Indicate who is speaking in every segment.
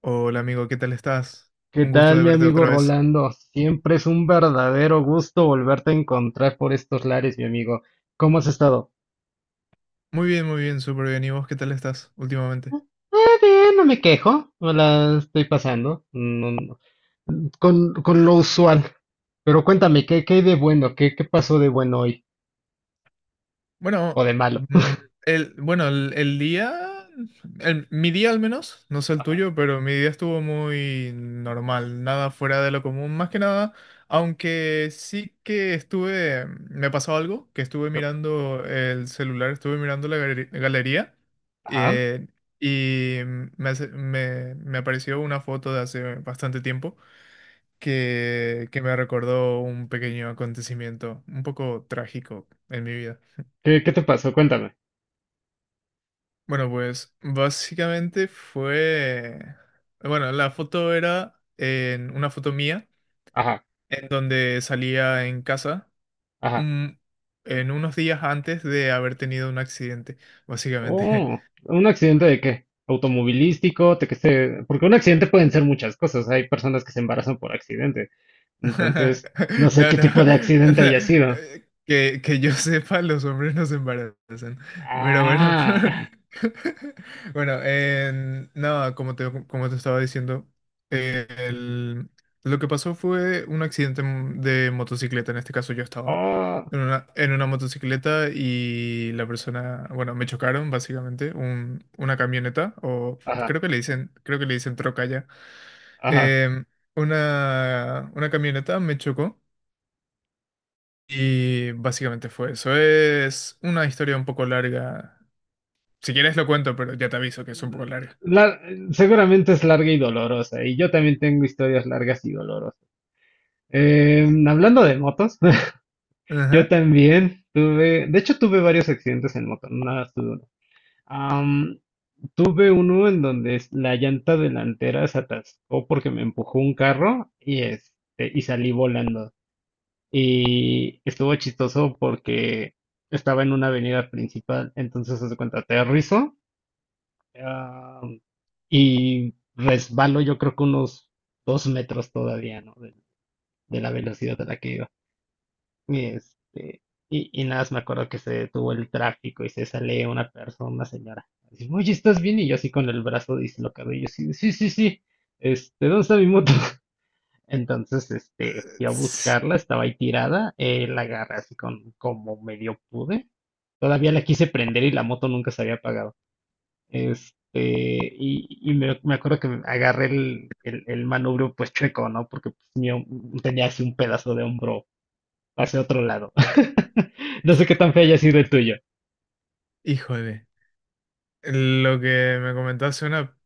Speaker 1: Hola amigo, ¿qué tal estás?
Speaker 2: ¿Qué
Speaker 1: Un gusto
Speaker 2: tal,
Speaker 1: de
Speaker 2: mi
Speaker 1: verte
Speaker 2: amigo
Speaker 1: otra vez.
Speaker 2: Rolando? Siempre es un verdadero gusto volverte a encontrar por estos lares, mi amigo. ¿Cómo has estado?
Speaker 1: Muy bien, súper bien. ¿Y vos qué tal estás últimamente?
Speaker 2: Eh, Bien, no me quejo, no la estoy pasando, con lo usual. Pero cuéntame, ¿qué hay de bueno? ¿Qué pasó de bueno hoy? ¿O
Speaker 1: Bueno,
Speaker 2: de malo?
Speaker 1: mm, bueno, el día, mi día al menos, no sé el
Speaker 2: Ajá,
Speaker 1: tuyo, pero mi día estuvo muy normal, nada fuera de lo común, más que nada, aunque sí que estuve, me pasó algo, que estuve mirando el celular, estuve mirando la galería.
Speaker 2: ajá.
Speaker 1: eh, Y me, hace- me me apareció una foto de hace bastante tiempo que me recordó un pequeño acontecimiento un poco trágico en mi vida.
Speaker 2: ¿Qué te pasó? Cuéntame.
Speaker 1: Bueno, pues básicamente fue... Bueno, la foto era en una foto mía,
Speaker 2: Ajá,
Speaker 1: en donde salía en casa
Speaker 2: ajá.
Speaker 1: un- en unos días antes de haber tenido un accidente, básicamente.
Speaker 2: Oh, ¿un accidente de qué? ¿Automovilístico? Porque un accidente pueden ser muchas cosas, hay personas que se embarazan por accidente. Entonces, no sé
Speaker 1: No,
Speaker 2: qué
Speaker 1: no.
Speaker 2: tipo de accidente haya sido.
Speaker 1: Que yo sepa, los hombres no se embarazan. Pero bueno.
Speaker 2: Ah,
Speaker 1: Bueno, no, como te estaba diciendo, el- lo que pasó fue un accidente de motocicleta. En este caso, yo estaba
Speaker 2: oh,
Speaker 1: en una motocicleta y la persona, bueno, me chocaron básicamente una camioneta, o
Speaker 2: ajá,
Speaker 1: creo que le dicen troca,
Speaker 2: ajá.
Speaker 1: em, una camioneta me chocó y básicamente fue eso. Es una historia un poco larga. Si quieres lo cuento, pero ya te aviso que es un poco larga.
Speaker 2: La- Seguramente es larga y dolorosa, y yo también tengo historias largas y dolorosas. Hablando de motos, yo
Speaker 1: Ajá.
Speaker 2: también tuve, de hecho tuve varios accidentes en moto, no nada más tuve uno. Am, Tuve uno en donde la llanta delantera se atascó porque me empujó un carro y, este, y salí volando. Y estuvo chistoso porque estaba en una avenida principal, entonces haz de cuenta, aterrizo, ah, y resbalo yo creo que unos 2 metros todavía, ¿no? De la velocidad a la que iba. Y, este, y nada más me acuerdo que se detuvo el tráfico y se sale una persona, una señora. Así, oye, ¿estás bien? Y yo así con el brazo dislocado. Y yo sí, sí, sí, sí. Este, ¿dónde está mi moto? Entonces, este,
Speaker 1: Eh,
Speaker 2: fui a
Speaker 1: ts-
Speaker 2: buscarla, estaba ahí tirada, la agarré así con como medio pude. Todavía la quise prender y la moto nunca se había apagado. Este, y me acuerdo que agarré el manubrio pues chueco, ¿no? Porque pues, mío, tenía así un pedazo de hombro hacia otro lado. No sé qué tan feo haya sido el tuyo.
Speaker 1: Híjole. Lo que me comentaste una...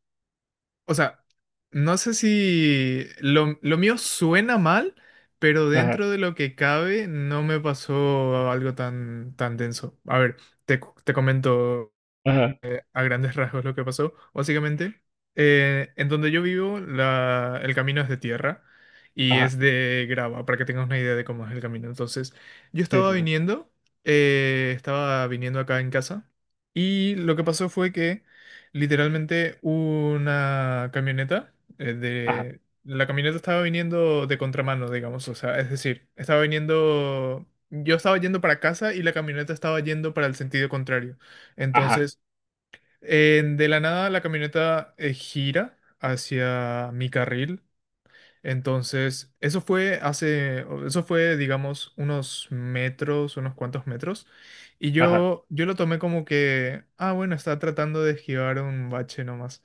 Speaker 1: O sea, no sé si lo mío suena mal, pero
Speaker 2: Ajá,
Speaker 1: dentro de lo que cabe no me pasó algo tan, tan denso. A ver, te comento.
Speaker 2: ajá,
Speaker 1: A grandes rasgos lo que pasó. Básicamente, en donde yo vivo, el camino es de tierra y
Speaker 2: ajá,
Speaker 1: es de grava, para que tengas una idea de cómo es el camino. Entonces, yo
Speaker 2: sí, sí, sí,
Speaker 1: estaba viniendo acá en casa y lo que pasó fue que literalmente una camioneta
Speaker 2: ajá,
Speaker 1: de... La camioneta estaba viniendo de contramano, digamos, o sea, es decir, estaba viniendo... Yo estaba yendo para casa y la camioneta estaba yendo para el sentido contrario.
Speaker 2: ajá,
Speaker 1: Entonces, de la nada la camioneta gira hacia mi carril. Entonces, eso fue, digamos, unos metros, unos cuantos metros.
Speaker 2: ajá.
Speaker 1: Yo lo tomé como que, ah, bueno, está tratando de esquivar un bache nomás.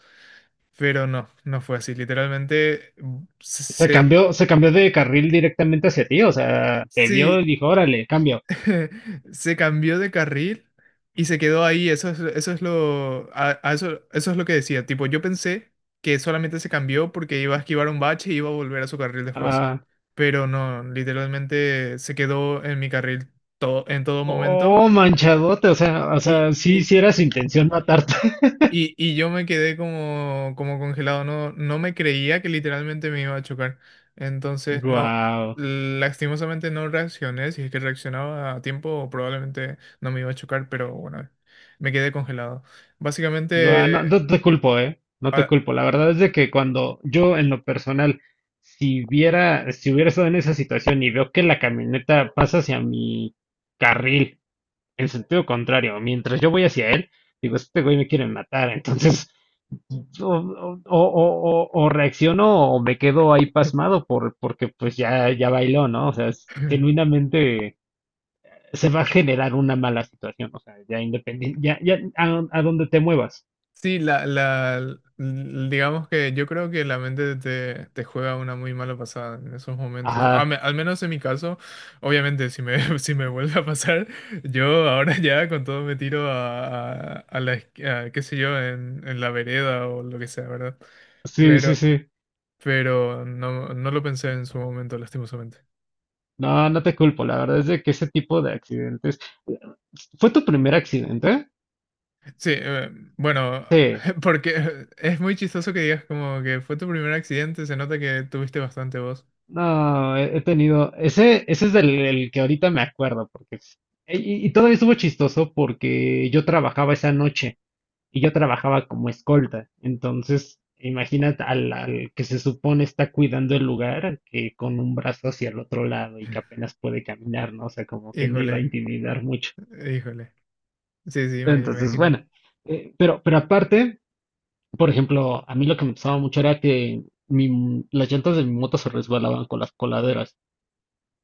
Speaker 1: Pero no, no fue así. Literalmente,
Speaker 2: Se cambió, se cambió de carril directamente hacia ti, o sea, te vio
Speaker 1: sí,
Speaker 2: y dijo, órale, cambio.
Speaker 1: se cambió de carril y se quedó ahí. Eso es a eso, eso es lo que decía. Tipo, yo pensé que solamente se cambió porque iba a esquivar un bache y iba a volver a su carril después.
Speaker 2: Ah,
Speaker 1: Pero no, literalmente se quedó en mi carril todo, en todo momento.
Speaker 2: Oh, manchadote, o sea, o
Speaker 1: y
Speaker 2: sea, sí,
Speaker 1: y,
Speaker 2: sí era su intención matarte.
Speaker 1: y yo me quedé como, como congelado, no, no me creía que literalmente me iba a chocar. Entonces, no,
Speaker 2: Guau,
Speaker 1: lastimosamente no reaccioné. Si es que reaccionaba a tiempo, probablemente no me iba a chocar, pero bueno, me quedé congelado.
Speaker 2: guau, no,
Speaker 1: Básicamente,
Speaker 2: no te culpo, no te
Speaker 1: a-
Speaker 2: culpo. La verdad es de que cuando yo en lo personal, si hubiera estado en esa situación y veo que la camioneta pasa hacia mi carril en sentido contrario, mientras yo voy hacia él, digo, este güey me quiere matar. Entonces, o, o- o- o reacciono o me quedo ahí pasmado porque pues ya bailó, ¿no? O sea, es genuinamente se va a generar una mala situación, o sea, ya independiente, ya a donde te muevas.
Speaker 1: Sí, digamos que yo creo que la mente te juega una muy mala pasada en esos momentos.
Speaker 2: Ajá,
Speaker 1: Al menos en mi caso, obviamente, si me vuelve a pasar, yo ahora ya con todo me tiro a la, a, qué sé yo, en la vereda o lo que sea, ¿verdad?
Speaker 2: sí, sí,
Speaker 1: Pero,
Speaker 2: sí.
Speaker 1: pero no, no lo pensé en su momento, lastimosamente.
Speaker 2: No, no te culpo, la verdad es de que ese tipo de accidentes. ¿Fue tu primer accidente?
Speaker 1: Sí, bueno,
Speaker 2: Sí.
Speaker 1: porque es muy chistoso que digas como que fue tu primer accidente, se nota que tuviste bastante voz.
Speaker 2: No, he tenido. Ese es el que ahorita me acuerdo, porque. Y todavía estuvo chistoso porque yo trabajaba esa noche. Y yo trabajaba como escolta. Entonces, imagínate al que se supone está cuidando el lugar, que con un brazo hacia el otro lado y que apenas puede caminar, ¿no? O sea, como que no iba a
Speaker 1: Híjole.
Speaker 2: intimidar mucho.
Speaker 1: Híjole. Sí, sí, me
Speaker 2: Entonces,
Speaker 1: imagino.
Speaker 2: bueno, pero aparte, por ejemplo, a mí lo que me pasaba mucho era que las llantas de mi moto se resbalaban con las coladeras.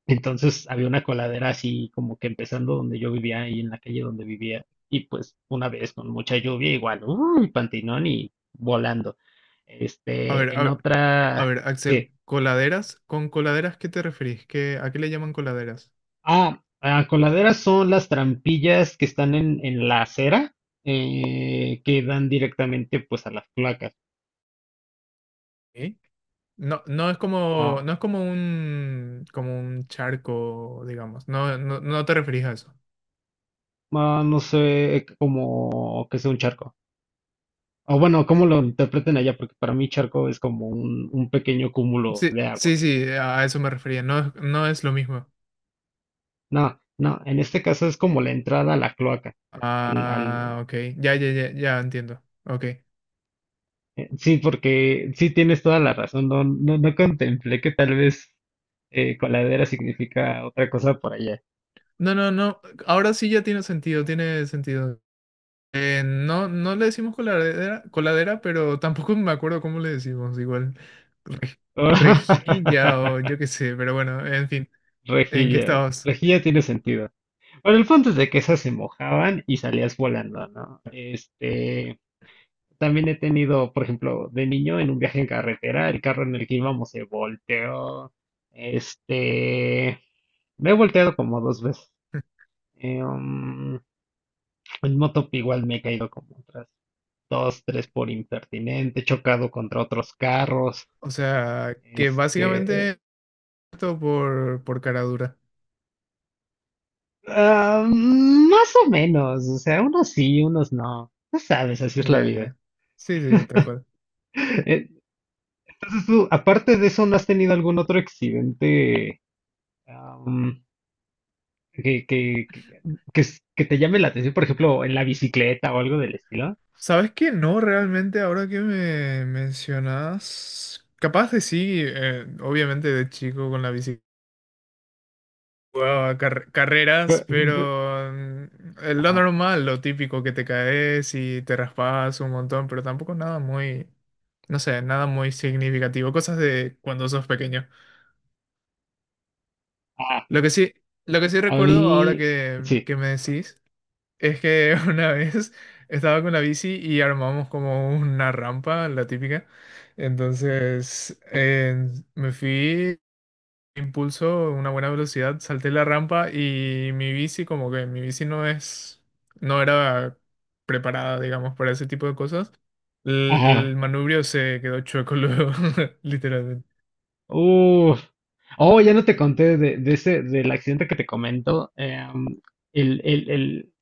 Speaker 2: Entonces había una coladera así como que empezando donde yo vivía, ahí en la calle donde vivía. Y pues una vez con mucha lluvia, igual, uy, pantinón y volando.
Speaker 1: A ver,
Speaker 2: Este,
Speaker 1: a
Speaker 2: en
Speaker 1: ver, a
Speaker 2: otra,
Speaker 1: ver, Axel,
Speaker 2: que,
Speaker 1: ¿coladeras? ¿Con coladeras qué te referís? ¿Qué, a qué le llaman coladeras?
Speaker 2: ah, ah, coladeras son las trampillas que están en la acera, que dan directamente pues a las placas.
Speaker 1: ¿Eh? No, no es como,
Speaker 2: Ah,
Speaker 1: no es como un charco, digamos. No, no, no te referís a eso.
Speaker 2: ah, no sé, cómo que sea un charco. O bueno, cómo lo interpreten allá, porque para mí charco es como un pequeño cúmulo
Speaker 1: Sí,
Speaker 2: de agua.
Speaker 1: sí, sí, a eso me refería. No, no es lo mismo.
Speaker 2: No, no, en este caso es como la entrada a la cloaca. Al,
Speaker 1: Ah,
Speaker 2: al,
Speaker 1: ok. Ya, ya, ya, ya entiendo. Ok.
Speaker 2: sí, porque sí tienes toda la razón. No, no, no contemplé que tal vez coladera significa otra cosa por allá.
Speaker 1: No, no, no. Ahora sí ya tiene sentido, tiene sentido. No, no le decimos coladera, coladera, pero tampoco me acuerdo cómo le decimos, igual. re- Rejilla o yo qué sé, pero bueno, en fin, ¿en qué
Speaker 2: Rejilla,
Speaker 1: estabas?
Speaker 2: rejilla tiene sentido. Bueno, el punto es de que esas se mojaban y salías volando, ¿no? Este, también he tenido, por ejemplo, de niño en un viaje en carretera, el carro en el que íbamos se volteó. Este, me he volteado como dos veces. Eh, um, en moto igual me he caído como otras dos, tres por impertinente, he chocado contra otros carros,
Speaker 1: O sea, que
Speaker 2: este,
Speaker 1: básicamente esto por cara dura.
Speaker 2: más o menos, o sea, unos sí, unos no. No sabes, así es la
Speaker 1: Ya,
Speaker 2: vida.
Speaker 1: ya. Sí, sí, tal cual.
Speaker 2: Eh, Entonces tú, aparte de eso, ¿no has tenido algún otro accidente, am, que, que, que, que s- que te llame la atención? Por ejemplo, en la bicicleta o algo del estilo.
Speaker 1: ¿Sabes qué? No, realmente, ahora que me mencionas, capaz de sí, obviamente de chico con la bicicleta. Jugaba carreras,
Speaker 2: Pe- de-
Speaker 1: pero es lo
Speaker 2: Ajá.
Speaker 1: normal, lo típico que te caes y te raspas un montón, pero tampoco nada muy, no sé, nada muy significativo, cosas de cuando sos pequeño.
Speaker 2: Ah,
Speaker 1: Lo que sí, lo que sí
Speaker 2: a
Speaker 1: recuerdo ahora
Speaker 2: mí, sí.
Speaker 1: que me decís es que una vez estaba con la bici y armamos como una rampa, la típica. Entonces me fui impulso, una buena velocidad, salté la rampa y mi bici, como que mi bici no es, no era preparada, digamos, para ese tipo de cosas. El manubrio se quedó chueco luego, literalmente.
Speaker 2: Uf. Oh, ya no te conté de, ese, del accidente que te comento. El, el, el,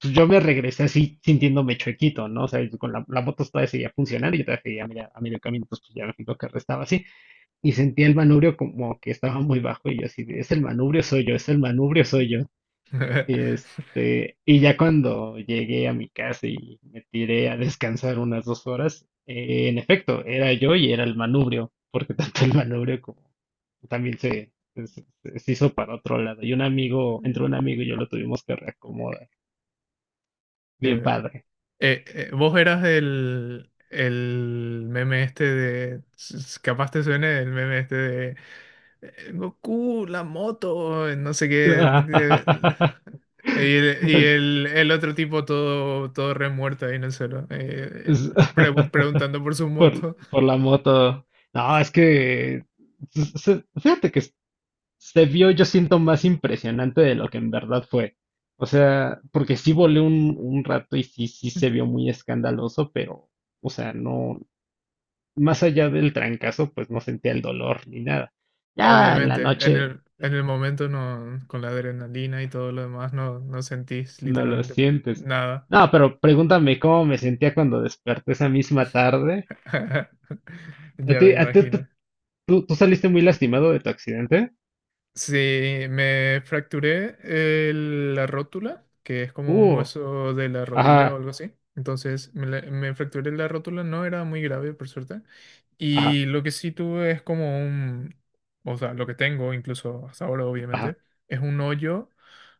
Speaker 2: pues yo me regresé así sintiéndome chuequito, ¿no? O sea, con la moto todavía seguía funcionando y yo todavía seguía a medio camino, entonces pues ya me fijo que restaba así. Y sentía el manubrio como que estaba muy bajo y yo así, de, es el manubrio, soy yo, es el manubrio, soy yo. Y este, y ya cuando llegué a mi casa y me tiré a descansar unas 2 horas, en efecto, era yo y era el manubrio, porque tanto el manubrio como también se hizo para otro lado. Y un amigo, entre
Speaker 1: Mm.
Speaker 2: un amigo y yo lo tuvimos que reacomodar. Bien
Speaker 1: Que-
Speaker 2: padre.
Speaker 1: eh, vos eras el meme este de, capaz te suene el meme este, Goku, la moto, no sé qué. eh, Y el,
Speaker 2: Es-
Speaker 1: el otro tipo todo, todo remuerto ahí en el suelo,
Speaker 2: es-
Speaker 1: preguntando por su
Speaker 2: Por,
Speaker 1: moto.
Speaker 2: por la moto. No, es que, fíjate que se vio, yo siento, más impresionante de lo que en verdad fue. O sea, porque sí volé un rato y sí, sí se vio muy escandaloso, pero, o sea, no, más allá del trancazo, pues no sentía el dolor ni nada. Ya en la
Speaker 1: Obviamente,
Speaker 2: noche
Speaker 1: en el momento no, con la adrenalina y todo lo demás, no, no sentís
Speaker 2: no lo
Speaker 1: literalmente
Speaker 2: sientes.
Speaker 1: nada.
Speaker 2: No, pero pregúntame cómo me sentía cuando desperté esa misma tarde.
Speaker 1: Ya me
Speaker 2: A ti- tú,
Speaker 1: imagino.
Speaker 2: tú- Tú saliste muy lastimado de tu accidente?
Speaker 1: Sí, me fracturé la rótula, que es como un
Speaker 2: Uh,
Speaker 1: hueso de la rodilla o
Speaker 2: ajá,
Speaker 1: algo así. Entonces me fracturé la rótula, no era muy grave por suerte.
Speaker 2: ajá,
Speaker 1: Y lo que sí tuve es como un, o sea, lo que tengo incluso hasta ahora
Speaker 2: ajá,
Speaker 1: obviamente, es un hoyo,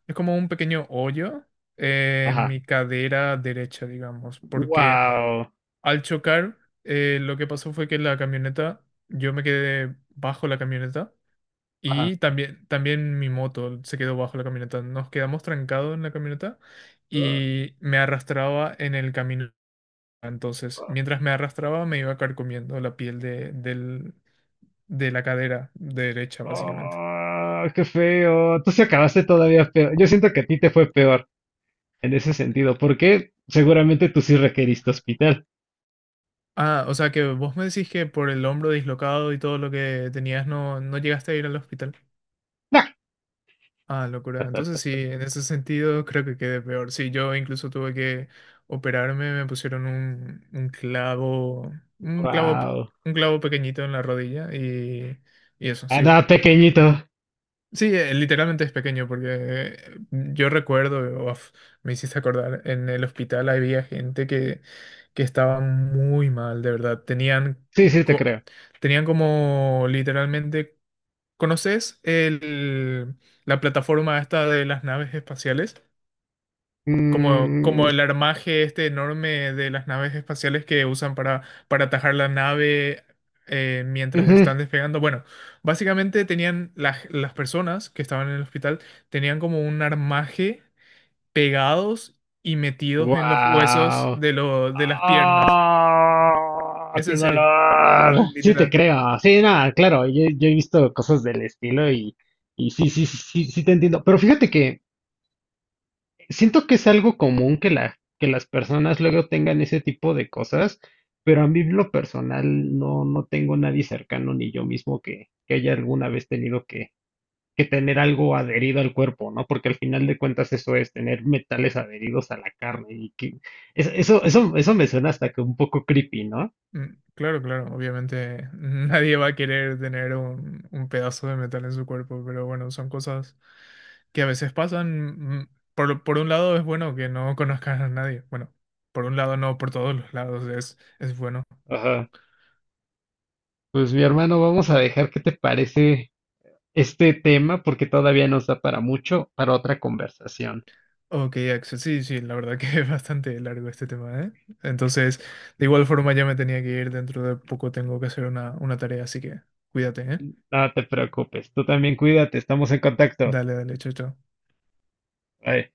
Speaker 1: es como un pequeño hoyo en
Speaker 2: ajá.
Speaker 1: mi cadera derecha, digamos, porque
Speaker 2: Wow.
Speaker 1: al chocar, lo que pasó fue que la camioneta, yo me quedé bajo la camioneta. Y también, también mi moto se quedó bajo la camioneta. Nos quedamos trancados en la camioneta
Speaker 2: Ajá.
Speaker 1: y me arrastraba en el camino. Entonces, mientras me arrastraba, me iba carcomiendo la piel de la cadera derecha, básicamente.
Speaker 2: Oh, qué feo. Tú se acabaste todavía peor. Yo siento que a ti te fue peor en ese sentido, porque seguramente tú sí requeriste hospital.
Speaker 1: Ah, o sea que vos me decís que por el hombro dislocado y todo lo que tenías no, no llegaste a ir al hospital.
Speaker 2: No.
Speaker 1: Ah, locura. Entonces sí, en ese sentido creo que quedé peor. Sí, yo incluso tuve que operarme, me pusieron un clavo, un clavo,
Speaker 2: Wow.
Speaker 1: un clavo pequeñito en la rodilla y eso, sí.
Speaker 2: Andaba pequeñito.
Speaker 1: Sí, literalmente es pequeño porque yo recuerdo, uf, me hiciste acordar, en el hospital había gente que estaba muy mal, de verdad. Tenían,
Speaker 2: Sí, sí, te
Speaker 1: co-
Speaker 2: creo.
Speaker 1: tenían como literalmente ¿Conoces la plataforma esta de las naves espaciales? Como,
Speaker 2: Mm,
Speaker 1: como el armaje este enorme de las naves espaciales que usan para atajar la nave mientras
Speaker 2: ujú.
Speaker 1: están despegando. Bueno, básicamente tenían las personas que estaban en el hospital, tenían como un armaje pegados y metidos en los huesos
Speaker 2: Wow.
Speaker 1: de las piernas.
Speaker 2: Ah,
Speaker 1: Es
Speaker 2: qué
Speaker 1: en serio. Sí,
Speaker 2: dolor.
Speaker 1: sí,
Speaker 2: Sí, te
Speaker 1: literal.
Speaker 2: creo. Sí, nada, claro. Yo he visto cosas del estilo. Y sí, sí, sí, sí, sí te entiendo. Pero fíjate que, siento que es algo común que que las personas luego tengan ese tipo de cosas, pero a mí en lo personal no, no tengo nadie cercano ni yo mismo que haya alguna vez tenido que tener algo adherido al cuerpo, ¿no? Porque al final de cuentas eso es tener metales adheridos a la carne y que eso me suena hasta que un poco creepy, ¿no?
Speaker 1: Mm, claro, claro, obviamente nadie va a querer tener un pedazo de metal en su cuerpo, pero bueno, son cosas que a veces pasan. Por un lado es bueno que no conozcas a nadie. Bueno, por un lado no, por todos los lados es bueno.
Speaker 2: Ajá. Pues mi hermano, vamos a dejar qué te parece este tema porque todavía nos da para mucho, para otra conversación.
Speaker 1: Ok, Axel, sí, sí, la verdad que es bastante largo este tema, ¿eh? Entonces, de igual forma ya me tenía que ir, dentro de poco tengo que hacer una tarea, así que cuídate, ¿eh?
Speaker 2: No te preocupes, tú también cuídate, estamos en contacto.
Speaker 1: Dale, dale, chao, chao.
Speaker 2: Bye.